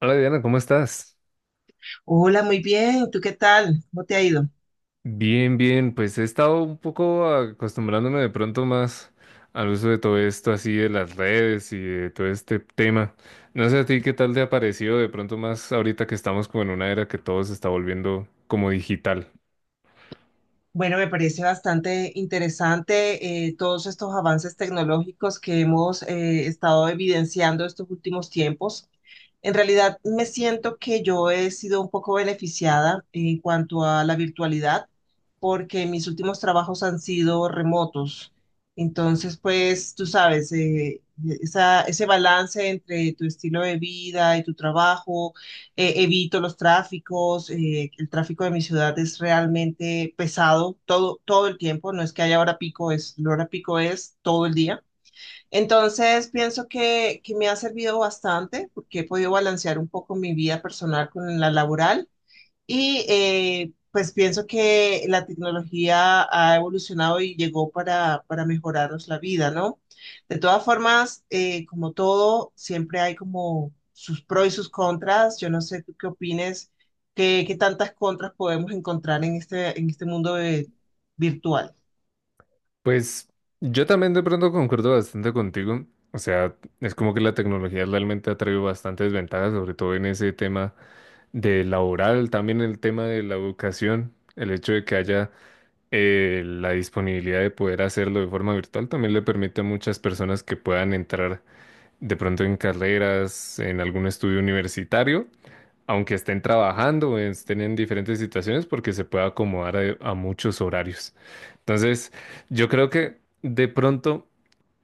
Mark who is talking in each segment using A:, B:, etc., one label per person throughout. A: Hola Diana, ¿cómo estás?
B: Hola, muy bien. ¿Tú qué tal? ¿Cómo te ha ido?
A: Bien, bien, pues he estado un poco acostumbrándome de pronto más al uso de todo esto así de las redes y de todo este tema. No sé a ti qué tal te ha parecido de pronto más ahorita que estamos como en una era que todo se está volviendo como digital.
B: Bueno, me parece bastante interesante todos estos avances tecnológicos que hemos estado evidenciando estos últimos tiempos. En realidad, me siento que yo he sido un poco beneficiada en cuanto a la virtualidad, porque mis últimos trabajos han sido remotos. Entonces, pues, tú sabes, ese balance entre tu estilo de vida y tu trabajo. Evito los tráficos. Eh, el tráfico de mi ciudad es realmente pesado todo el tiempo, no es que haya hora pico, es, la hora pico es todo el día. Entonces, pienso que me ha servido bastante porque he podido balancear un poco mi vida personal con la laboral. Y pues pienso que la tecnología ha evolucionado y llegó para mejorarnos la vida, ¿no? De todas formas, como todo, siempre hay como sus pros y sus contras. Yo no sé tú qué opines, qué tantas contras podemos encontrar en este mundo virtual.
A: Pues yo también de pronto concuerdo bastante contigo. O sea, es como que la tecnología realmente ha traído bastantes ventajas, sobre todo en ese tema de laboral, también el tema de la educación, el hecho de que haya la disponibilidad de poder hacerlo de forma virtual también le permite a muchas personas que puedan entrar de pronto en carreras, en algún estudio universitario, aunque estén trabajando o estén en diferentes situaciones, porque se puede acomodar a muchos horarios. Entonces, yo creo que de pronto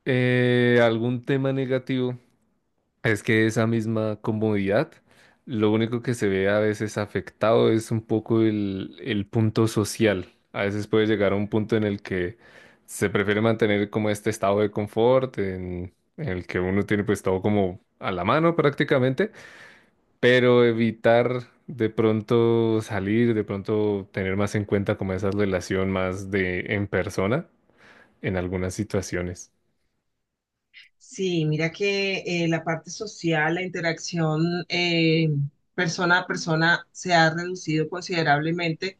A: algún tema negativo. Es que esa misma comodidad, lo único que se ve a veces afectado es un poco el punto social. A veces puede llegar a un punto en el que se prefiere mantener como este estado de confort, en el que uno tiene pues todo como a la mano prácticamente, pero evitar de pronto salir, de pronto tener más en cuenta como esa relación más de en persona en algunas situaciones.
B: Sí, mira que la parte social, la interacción persona a persona se ha reducido considerablemente,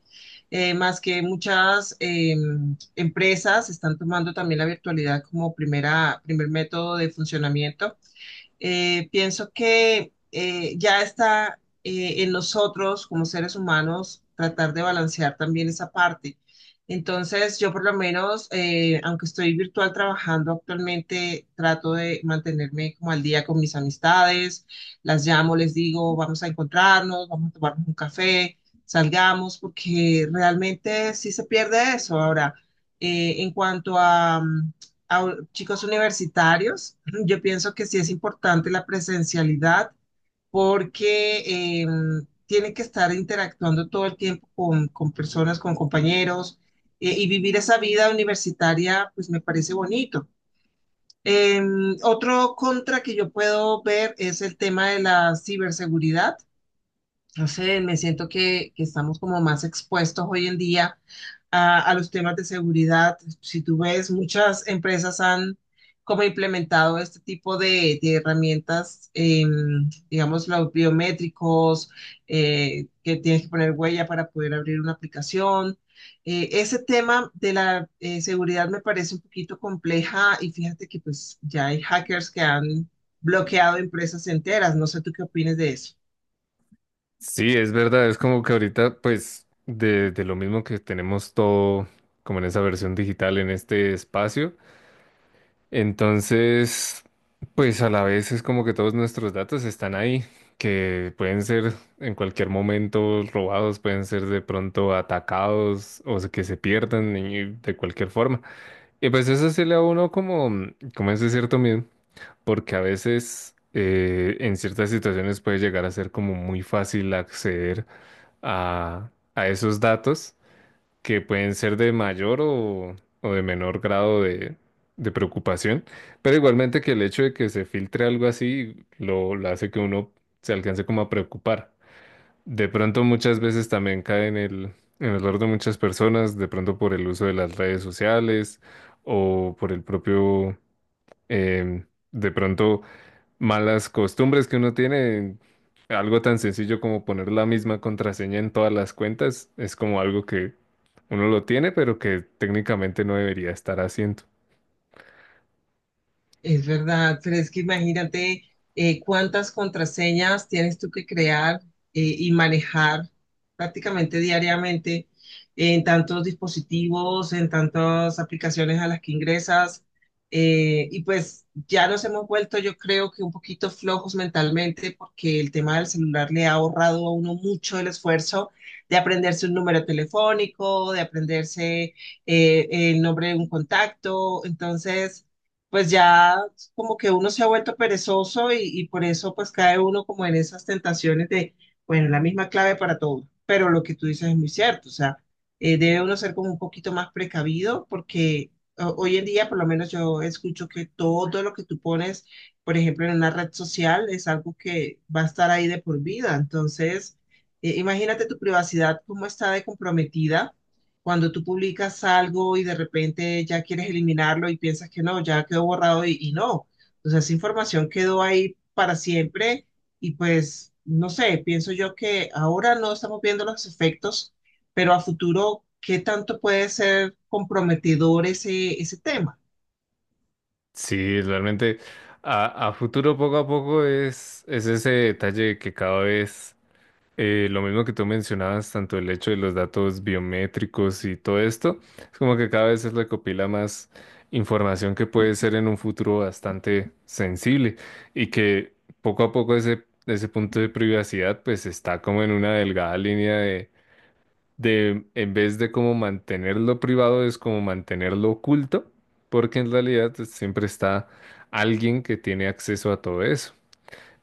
B: más que muchas empresas están tomando también la virtualidad como primer método de funcionamiento. Pienso que ya está en nosotros como seres humanos tratar de balancear también esa parte. Entonces, yo por lo menos, aunque estoy virtual trabajando actualmente, trato de mantenerme como al día con mis amistades, las llamo, les digo, vamos a encontrarnos, vamos a tomarnos un café, salgamos, porque realmente sí se pierde eso. Ahora, en cuanto a, chicos universitarios, yo pienso que sí es importante la presencialidad porque eh, tienen que estar interactuando todo el tiempo con personas, con compañeros y vivir esa vida universitaria, pues me parece bonito. Eh, Otro contra que yo puedo ver es el tema de la ciberseguridad. No sé, me siento que estamos como más expuestos hoy en día a los temas de seguridad. Si tú ves, muchas empresas han como implementado este tipo de herramientas. Digamos, los biométricos, que tienes que poner huella para poder abrir una aplicación. Ese tema de la seguridad me parece un poquito compleja y fíjate que pues ya hay hackers que han bloqueado empresas enteras. No sé tú qué opinas de eso.
A: Sí, es verdad, es como que ahorita, pues, de lo mismo que tenemos todo como en esa versión digital, en este espacio, entonces, pues a la vez es como que todos nuestros datos están ahí, que pueden ser en cualquier momento robados, pueden ser de pronto atacados o que se pierdan y de cualquier forma. Y pues eso se le a uno como, como ese cierto miedo, porque a veces... en ciertas situaciones puede llegar a ser como muy fácil acceder a esos datos que pueden ser de mayor o de menor grado de preocupación, pero igualmente que el hecho de que se filtre algo así lo hace que uno se alcance como a preocupar. De pronto muchas veces también cae en el error de muchas personas, de pronto por el uso de las redes sociales o por el propio, em, de pronto malas costumbres que uno tiene, algo tan sencillo como poner la misma contraseña en todas las cuentas, es como algo que uno lo tiene, pero que técnicamente no debería estar haciendo.
B: Es verdad, pero es que imagínate cuántas contraseñas tienes tú que crear y manejar prácticamente diariamente en tantos dispositivos, en tantas aplicaciones a las que ingresas. Y pues ya nos hemos vuelto, yo creo que un poquito flojos mentalmente porque el tema del celular le ha ahorrado a uno mucho el esfuerzo de aprenderse un número telefónico, de aprenderse el nombre de un contacto. Entonces pues ya como que uno se ha vuelto perezoso y por eso pues cae uno como en esas tentaciones de, bueno, la misma clave para todo. Pero lo que tú dices es muy cierto. O sea, debe uno ser como un poquito más precavido porque hoy en día por lo menos yo escucho que todo lo que tú pones, por ejemplo, en una red social es algo que va a estar ahí de por vida. Entonces, imagínate tu privacidad, cómo está de comprometida cuando tú publicas algo y de repente ya quieres eliminarlo y piensas que no, ya quedó borrado y no. Entonces esa información quedó ahí para siempre y pues, no sé, pienso yo que ahora no estamos viendo los efectos, pero a futuro, ¿qué tanto puede ser comprometedor ese tema?
A: Sí, realmente a futuro poco a poco es ese detalle que cada vez lo mismo que tú mencionabas, tanto el hecho de los datos biométricos y todo esto, es como que cada vez se recopila más información que puede ser en un futuro bastante sensible y que poco a poco ese punto de privacidad pues está como en una delgada línea de en vez de como mantenerlo privado es como mantenerlo oculto, porque en realidad pues, siempre está alguien que tiene acceso a todo eso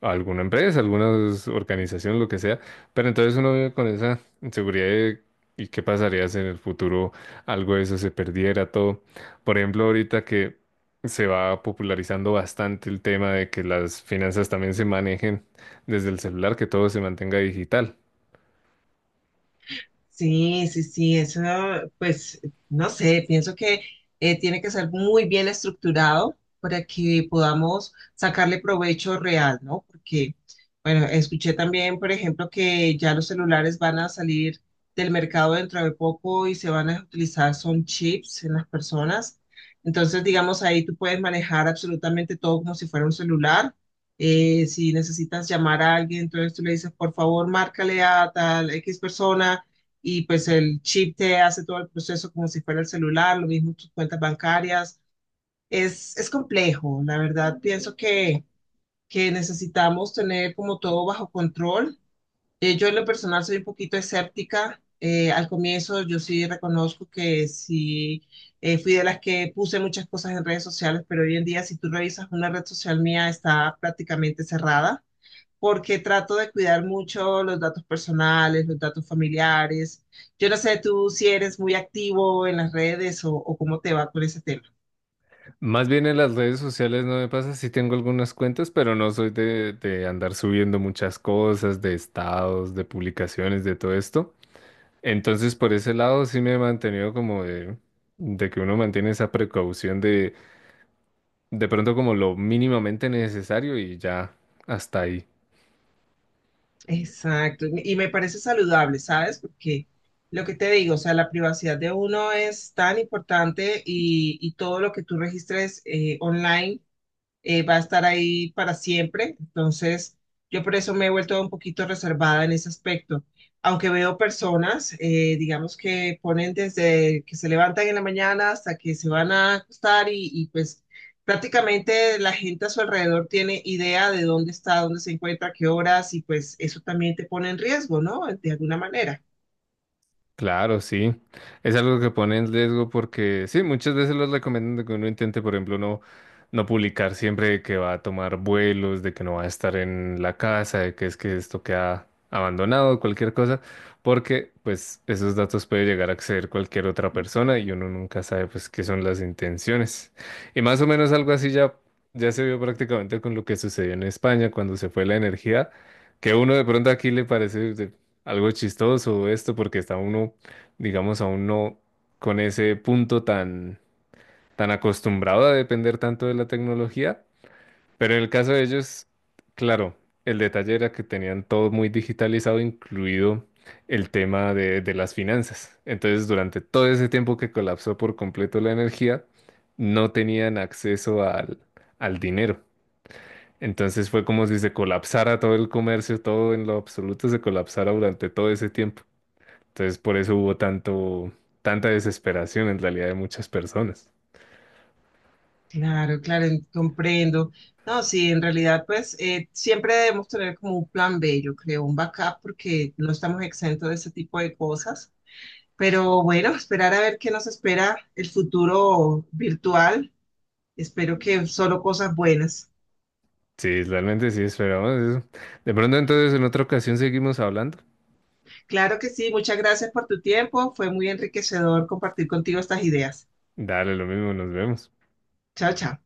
A: a alguna empresa, algunas organizaciones lo que sea, pero entonces uno vive con esa inseguridad de, y qué pasaría si en el futuro algo de eso se perdiera todo. Por ejemplo, ahorita que se va popularizando bastante el tema de que las finanzas también se manejen desde el celular, que todo se mantenga digital.
B: Sí, sí, sí, eso, pues, no sé, pienso que tiene que ser muy bien estructurado para que podamos sacarle provecho real, ¿no? Porque, bueno, escuché también, por ejemplo, que ya los celulares van a salir del mercado dentro de poco y se van a utilizar, son chips en las personas. Entonces, digamos, ahí tú puedes manejar absolutamente todo como si fuera un celular. Si necesitas llamar a alguien, entonces tú le dices, por favor, márcale a tal X persona y pues el chip te hace todo el proceso como si fuera el celular, lo mismo tus cuentas bancarias. Es complejo, la verdad, pienso que necesitamos tener como todo bajo control. Yo en lo personal soy un poquito escéptica. Al comienzo yo sí reconozco que sí fui de las que puse muchas cosas en redes sociales, pero hoy en día si tú revisas una red social mía está prácticamente cerrada porque trato de cuidar mucho los datos personales, los datos familiares. Yo no sé tú si eres muy activo en las redes o cómo te va con ese tema.
A: Más bien en las redes sociales no me pasa, sí tengo algunas cuentas, pero no soy de andar subiendo muchas cosas, de estados, de publicaciones, de todo esto. Entonces, por ese lado sí me he mantenido como de que uno mantiene esa precaución de pronto como lo mínimamente necesario y ya hasta ahí.
B: Exacto, y me parece saludable, ¿sabes? Porque lo que te digo, o sea, la privacidad de uno es tan importante y todo lo que tú registres online. Va a estar ahí para siempre. Entonces, yo por eso me he vuelto un poquito reservada en ese aspecto. Aunque veo personas, digamos que ponen desde que se levantan en la mañana hasta que se van a acostar y pues prácticamente la gente a su alrededor tiene idea de dónde está, dónde se encuentra, qué horas y pues eso también te pone en riesgo, ¿no? De alguna manera.
A: Claro, sí. Es algo que pone en riesgo porque sí, muchas veces los recomiendan de que uno intente, por ejemplo, no, no publicar siempre que va a tomar vuelos, de que no va a estar en la casa, de que es que esto queda abandonado, cualquier cosa, porque pues esos datos puede llegar a acceder cualquier otra persona y uno nunca sabe pues qué son las intenciones. Y más o menos algo así ya, ya se vio prácticamente con lo que sucedió en España cuando se fue la energía, que uno de pronto aquí le parece algo chistoso esto porque está uno, digamos, aún no con ese punto tan, tan acostumbrado a depender tanto de la tecnología, pero en el caso de ellos, claro, el detalle era que tenían todo muy digitalizado, incluido el tema de las finanzas. Entonces, durante todo ese tiempo que colapsó por completo la energía, no tenían acceso al dinero. Entonces fue como si se colapsara todo el comercio, todo en lo absoluto se colapsara durante todo ese tiempo. Entonces, por eso hubo tanto, tanta desesperación en realidad de muchas personas.
B: Claro, claro, comprendo. No, sí, en realidad, pues siempre debemos tener como un plan B, yo creo, un backup, porque no estamos exentos de ese tipo de cosas. Pero bueno, esperar a ver qué nos espera el futuro virtual. Espero que solo cosas buenas.
A: Sí, realmente sí esperábamos eso. De pronto, entonces, en otra ocasión seguimos hablando.
B: Claro que sí, muchas gracias por tu tiempo. Fue muy enriquecedor compartir contigo estas ideas.
A: Dale, lo mismo, nos vemos.
B: Chao, chao.